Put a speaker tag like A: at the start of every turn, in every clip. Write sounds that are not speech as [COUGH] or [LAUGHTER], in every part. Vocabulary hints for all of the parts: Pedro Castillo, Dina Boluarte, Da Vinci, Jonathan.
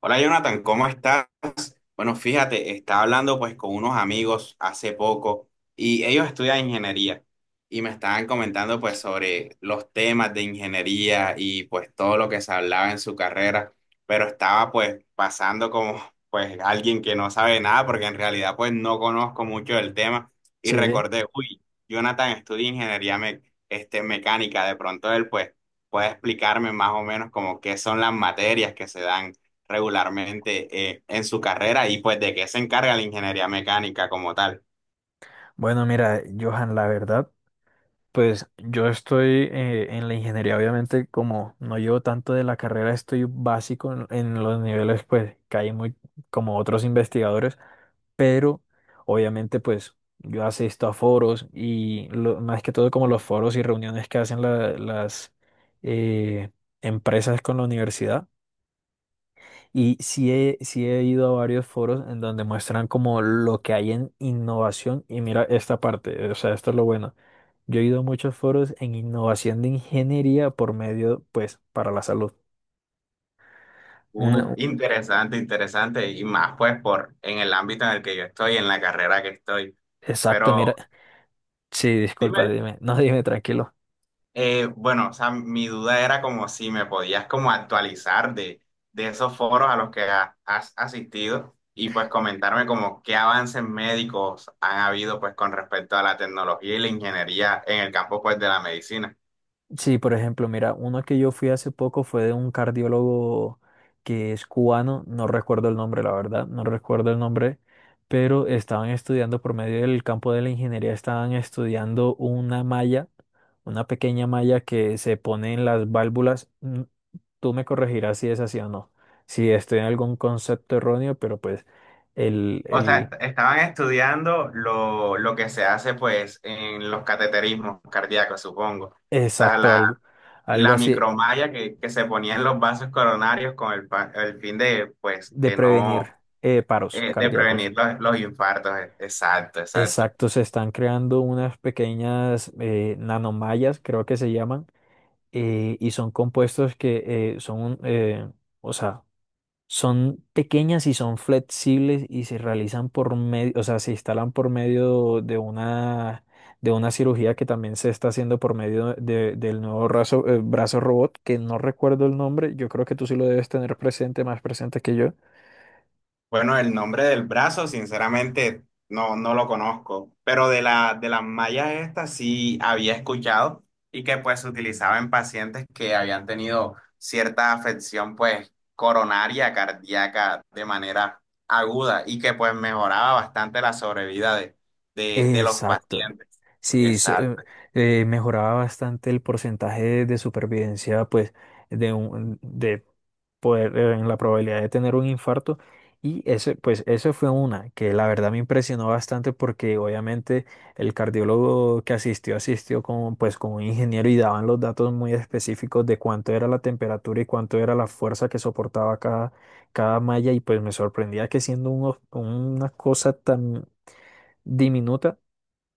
A: Hola, Jonathan, ¿cómo estás? Bueno, fíjate, estaba hablando pues con unos amigos hace poco y ellos estudian ingeniería y me estaban comentando pues sobre los temas de ingeniería y pues todo lo que se hablaba en su carrera, pero estaba pues pasando como [LAUGHS] pues alguien que no sabe nada porque en realidad pues no conozco mucho del tema y
B: Sí,
A: recordé, uy, Jonathan estudia ingeniería este, mecánica, de pronto él pues puede explicarme más o menos como qué son las materias que se dan regularmente en su carrera y pues de qué se encarga la ingeniería mecánica como tal.
B: bueno, mira, Johan, la verdad, pues yo estoy en la ingeniería, obviamente, como no llevo tanto de la carrera, estoy básico en los niveles, pues, que hay muy, como otros investigadores, pero obviamente, pues, yo asisto a foros y más que todo como los foros y reuniones que hacen las eh, empresas con la universidad. Y sí he ido a varios foros en donde muestran como lo que hay en innovación. Y mira esta parte, o sea, esto es lo bueno. Yo he ido a muchos foros en innovación de ingeniería por medio, pues, para la salud.
A: Uf,
B: Una,
A: interesante, interesante, y más pues por en el ámbito en el que yo estoy, en la carrera que estoy.
B: exacto, mira.
A: Pero
B: Sí, disculpa,
A: dime,
B: dime. No, dime, tranquilo.
A: bueno, o sea, mi duda era como si me podías como actualizar de esos foros a los que has asistido y pues comentarme como qué avances médicos han habido pues con respecto a la tecnología y la ingeniería en el campo pues de la medicina.
B: Sí, por ejemplo, mira, uno que yo fui hace poco fue de un cardiólogo que es cubano, no recuerdo el nombre, la verdad, no recuerdo el nombre, pero estaban estudiando por medio del campo de la ingeniería, estaban estudiando una malla, una pequeña malla que se pone en las válvulas. Tú me corregirás si es así o no, si estoy en algún concepto erróneo, pero pues el,
A: O sea,
B: el
A: estaban estudiando lo que se hace pues en los cateterismos cardíacos, supongo. O sea,
B: exacto, algo, algo
A: la
B: así
A: micromalla que se ponía en los vasos coronarios con el fin de pues
B: de
A: que
B: prevenir
A: no,
B: paros
A: de
B: cardíacos.
A: prevenir los infartos. Exacto, exacto.
B: Exacto, se están creando unas pequeñas nanomallas, creo que se llaman, y son compuestos que eh, son, eh, o sea, son pequeñas y son flexibles y se realizan por medio, o sea, se instalan por medio de una cirugía que también se está haciendo por medio del nuevo brazo, brazo robot, que no recuerdo el nombre, yo creo que tú sí lo debes tener presente, más presente que yo.
A: Bueno, el nombre del brazo, sinceramente, no, no lo conozco, pero de la, de las mallas estas sí había escuchado y que pues se utilizaba en pacientes que habían tenido cierta afección pues coronaria, cardíaca de manera aguda y que pues mejoraba bastante la sobrevida de los
B: Exacto.
A: pacientes.
B: Sí, so- eh,
A: Exacto.
B: Mejoraba bastante el porcentaje de supervivencia, pues, de poder, en la probabilidad de tener un infarto. Y ese, pues, eso fue una que la verdad me impresionó bastante porque obviamente el cardiólogo que asistió, asistió con, pues, con un ingeniero y daban los datos muy específicos de cuánto era la temperatura y cuánto era la fuerza que soportaba cada, cada malla. Y pues me sorprendía que siendo un, una cosa tan diminuta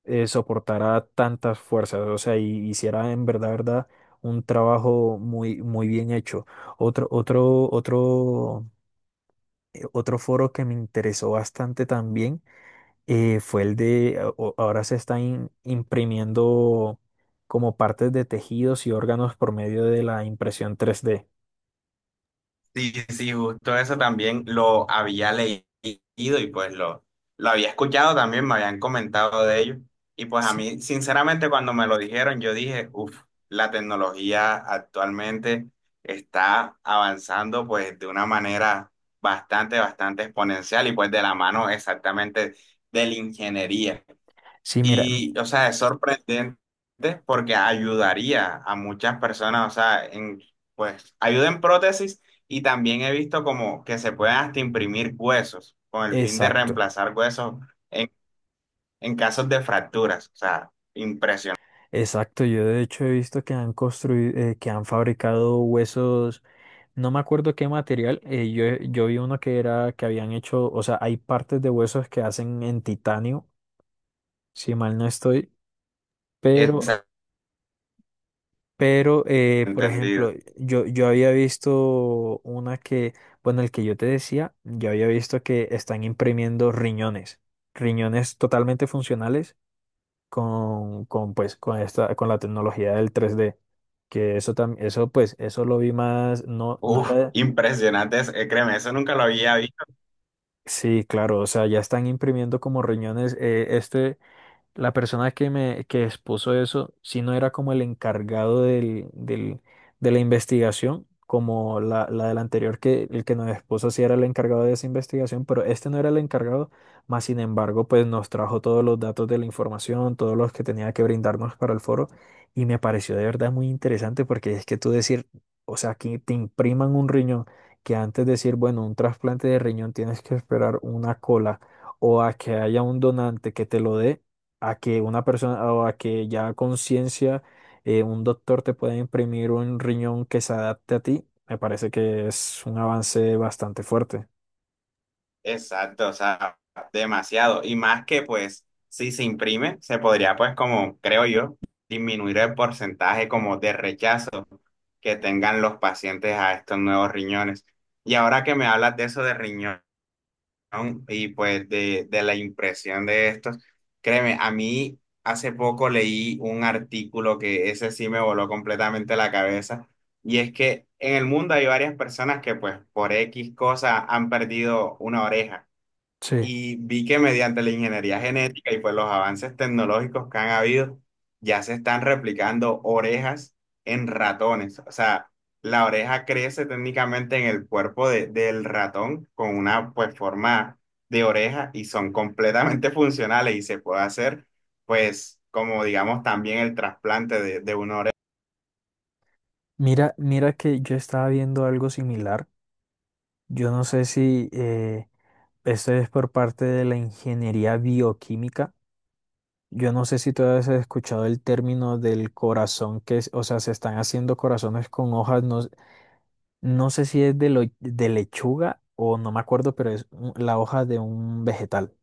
B: soportara tantas fuerzas, o sea, y hiciera en verdad, verdad, un trabajo muy, muy bien hecho. Otro, otro, otro, otro foro que me interesó bastante también fue el ahora se están imprimiendo como partes de tejidos y órganos por medio de la impresión 3D.
A: Sí, sí, justo eso también lo había leído y pues lo había escuchado también, me habían comentado de ello. Y pues a
B: Sí,
A: mí, sinceramente, cuando me lo dijeron, yo dije, uff, la tecnología actualmente está avanzando pues de una manera bastante, bastante exponencial y pues de la mano exactamente de la ingeniería.
B: sí, mira, mm,
A: Y, o sea, es sorprendente porque ayudaría a muchas personas, o sea, pues ayuda en prótesis y también he visto como que se pueden hasta imprimir huesos con el fin de
B: exacto.
A: reemplazar huesos en, en casos de fracturas, o sea, impresionante,
B: Exacto, yo de hecho he visto que han construido, que han fabricado huesos. No me acuerdo qué material. Yo vi uno que era que habían hecho, o sea, hay partes de huesos que hacen en titanio, si mal no estoy, pero,
A: ese
B: pero por ejemplo,
A: entendido.
B: yo había visto una que, bueno, el que yo te decía, yo había visto que están imprimiendo riñones, riñones totalmente funcionales pues, con esta, con la tecnología del tres d. Que eso también, eso pues, eso lo vi más, no, no
A: Uf,
B: era.
A: impresionante, créeme, eso nunca lo había visto.
B: Sí, claro, o sea, ya están imprimiendo como riñones. La persona que expuso eso, si no era como el encargado de la investigación, como la del anterior, que el que nos expuso sí era el encargado de esa investigación, pero este no era el encargado, más sin embargo, pues nos trajo todos los datos de la información, todos los que tenía que brindarnos para el foro, y me pareció de verdad muy interesante porque es que tú decir, o sea, que te impriman un riñón, que antes de decir, bueno, un trasplante de riñón tienes que esperar una cola o a que haya un donante que te lo dé a que una persona o a que ya a conciencia un doctor te pueda imprimir un riñón que se adapte a ti, me parece que es un avance bastante fuerte.
A: Exacto, o sea, demasiado. Y más que pues, si se imprime, se podría pues como, creo yo, disminuir el porcentaje como de rechazo que tengan los pacientes a estos nuevos riñones. Y ahora que me hablas de eso de riñón y pues de la impresión de estos, créeme, a mí hace poco leí un artículo que ese sí me voló completamente la cabeza. Y es que en el mundo hay varias personas que pues por X cosa han perdido una oreja.
B: Sí.
A: Y vi que mediante la ingeniería genética y pues los avances tecnológicos que han habido, ya se están replicando orejas en ratones. O sea, la oreja crece técnicamente en el cuerpo del ratón con una pues forma de oreja y son completamente [LAUGHS] funcionales y se puede hacer pues como digamos también el trasplante de una oreja.
B: Mira, mira que yo estaba viendo algo similar. Yo no sé si esto es por parte de la ingeniería bioquímica. Yo no sé si tú has escuchado el término del corazón que es, o sea, se están haciendo corazones con hojas, no, no sé si es de lechuga o no me acuerdo, pero es la hoja de un vegetal.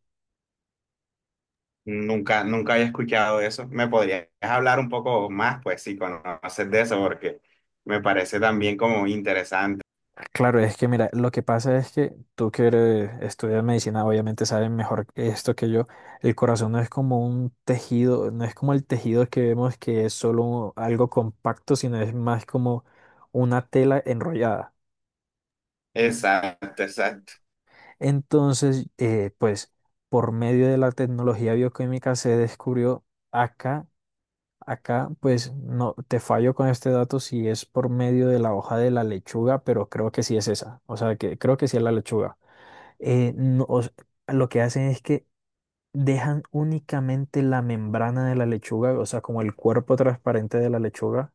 A: Nunca, nunca había escuchado eso. ¿Me podrías hablar un poco más, pues, si conoces de eso? Porque me parece también como interesante.
B: Claro, es que mira, lo que pasa es que tú estudias medicina, obviamente sabes mejor esto que yo. El corazón no es como un tejido, no es como el tejido que vemos que es solo algo compacto, sino es más como una tela enrollada.
A: Exacto, exacto.
B: Entonces, pues por medio de la tecnología bioquímica se descubrió acá. Acá, pues no te fallo con este dato si es por medio de la hoja de la lechuga, pero creo que sí es esa. O sea, que creo que sí es la lechuga. No, o s- Lo que hacen es que dejan únicamente la membrana de la lechuga, o sea, como el cuerpo transparente de la lechuga,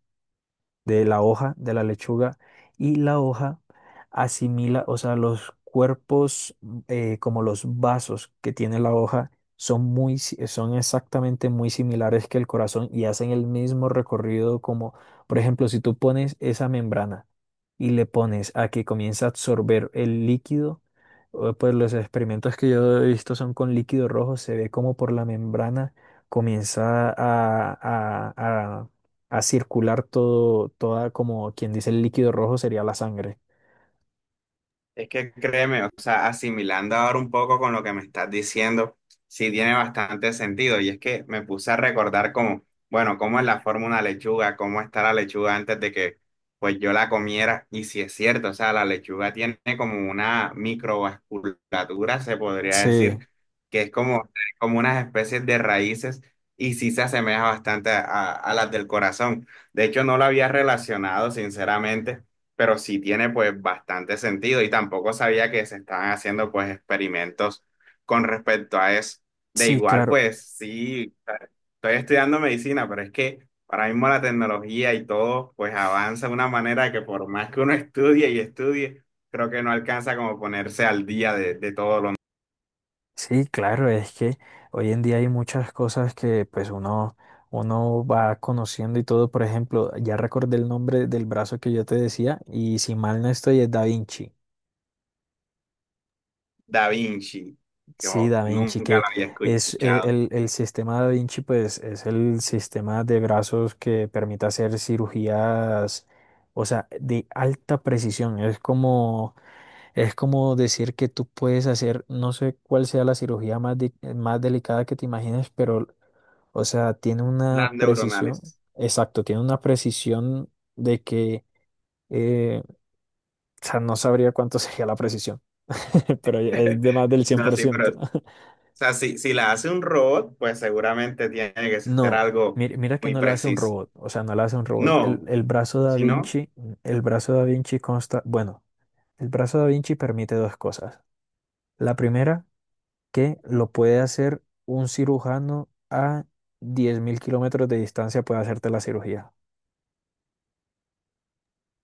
B: de la hoja, de la lechuga, y la hoja asimila, o sea, los cuerpos como los vasos que tiene la hoja son muy, si- son exactamente muy similares que el corazón y hacen el mismo recorrido como, por ejemplo, si tú pones esa membrana y le pones a que comience a absorber el líquido, o, pues los experimentos que yo he visto son con líquido rojo, se ve como por la membrana comienza a circular todo, toda, como quien dice el líquido rojo sería la sangre.
A: Es que créeme, o sea, asimilando ahora un poco con lo que me estás diciendo, sí tiene bastante sentido. Y es que me puse a recordar como, bueno, cómo es la forma de una lechuga, cómo está la lechuga antes de que pues yo la comiera. Y si es cierto, o sea, la lechuga tiene como una microvasculatura, se podría
B: Sí,
A: decir, que es como, como unas especies de raíces y sí se asemeja bastante a las del corazón. De hecho, no lo había relacionado, sinceramente, pero sí tiene pues bastante sentido y tampoco sabía que se estaban haciendo pues experimentos con respecto a eso. De
B: sí,
A: igual
B: claro,
A: pues sí, estoy estudiando medicina, pero es que ahora mismo la tecnología y todo pues avanza de una manera que por más que uno estudie y estudie, creo que no alcanza como ponerse al día de todo lo.
B: sí, claro, es que hoy en día hay muchas cosas que pues uno va conociendo y todo, por ejemplo, ya recordé el nombre del brazo que yo te decía y si mal no estoy es Da Vinci.
A: Da Vinci, que
B: Sí,
A: oh,
B: Da Vinci,
A: nunca
B: que
A: lo había
B: es
A: escuchado,
B: el sistema Da Vinci, pues es el sistema de brazos que permite hacer cirugías, o sea, de alta precisión. Es como es como decir que tú puedes hacer, no sé cuál sea la cirugía más delicada que te imagines, pero, o sea, tiene
A: las
B: una precisión,
A: neuronales.
B: exacto, tiene una precisión de que, eh, o sea, no sabría cuánto [LAUGHS] sería la precisión, [LAUGHS] pero es
A: [LAUGHS]
B: de más del cien
A: No,
B: por
A: sí, pero
B: ciento.
A: o
B: [LAUGHS]
A: sea, si, si la hace un robot, pues seguramente tiene que ser
B: No,
A: algo
B: mira, mira que
A: muy
B: no la hace un
A: preciso.
B: robot, o sea, no la hace un robot. El,
A: No,
B: el brazo Da
A: si no,
B: Vinci, el brazo Da Vinci consta, bueno, el brazo Da Vinci permite dos cosas. La primera que lo puede hacer un cirujano a 10.000 kilómetros de distancia, puede hacerte la cirugía.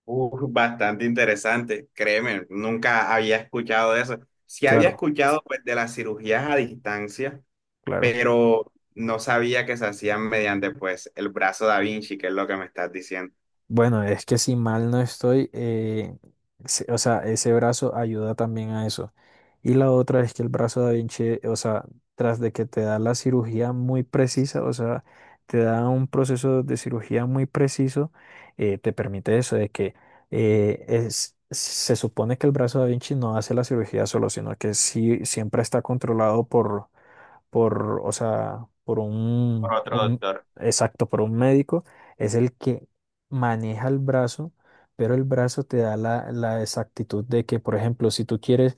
A: bastante interesante, créeme, nunca había escuchado de eso. Sí había
B: Claro,
A: escuchado pues, de las cirugías a distancia,
B: claro.
A: pero no sabía que se hacían mediante pues el brazo da Vinci, que es lo que me estás diciendo.
B: Bueno, es que si mal no estoy, o sea, ese brazo ayuda también a eso. Y la otra es que el brazo Da Vinci, o sea, tras de que te da la cirugía muy precisa, o sea, te da un proceso de cirugía muy preciso, te permite eso, de que se supone que el brazo Da Vinci no hace la cirugía solo, sino que sí siempre está controlado por, o sea,
A: Por otro
B: un,
A: doctor.
B: exacto, por un médico, es el que maneja el brazo, pero el brazo te da la exactitud de que, por ejemplo, si tú quieres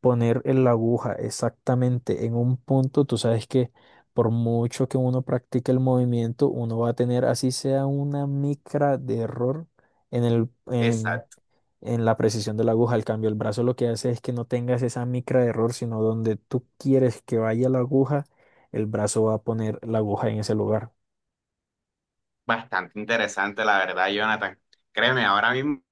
B: poner en la aguja exactamente en un punto, tú sabes que por mucho que uno practique el movimiento, uno va a tener, así sea una micra de error en el,
A: Exacto,
B: en la precisión de la aguja. Al cambio, el brazo lo que hace es que no tengas esa micra de error, sino donde tú quieres que vaya la aguja, el brazo va a poner la aguja en ese lugar.
A: bastante interesante, la verdad, Jonathan. Créeme, ahora mismo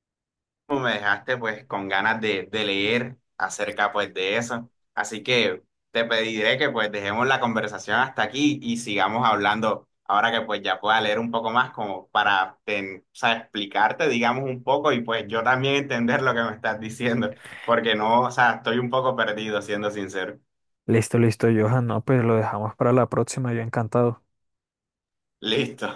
A: me dejaste pues con ganas de leer acerca pues de eso. Así que te pediré que pues dejemos la conversación hasta aquí y sigamos hablando ahora que pues ya pueda leer un poco más como para ten- o sea, explicarte digamos un poco y pues yo también entender lo que me estás diciendo porque no, o sea, estoy un poco perdido siendo sincero.
B: Listo, listo, Johan. No, pues lo dejamos para la próxima. Yo encantado.
A: Listo.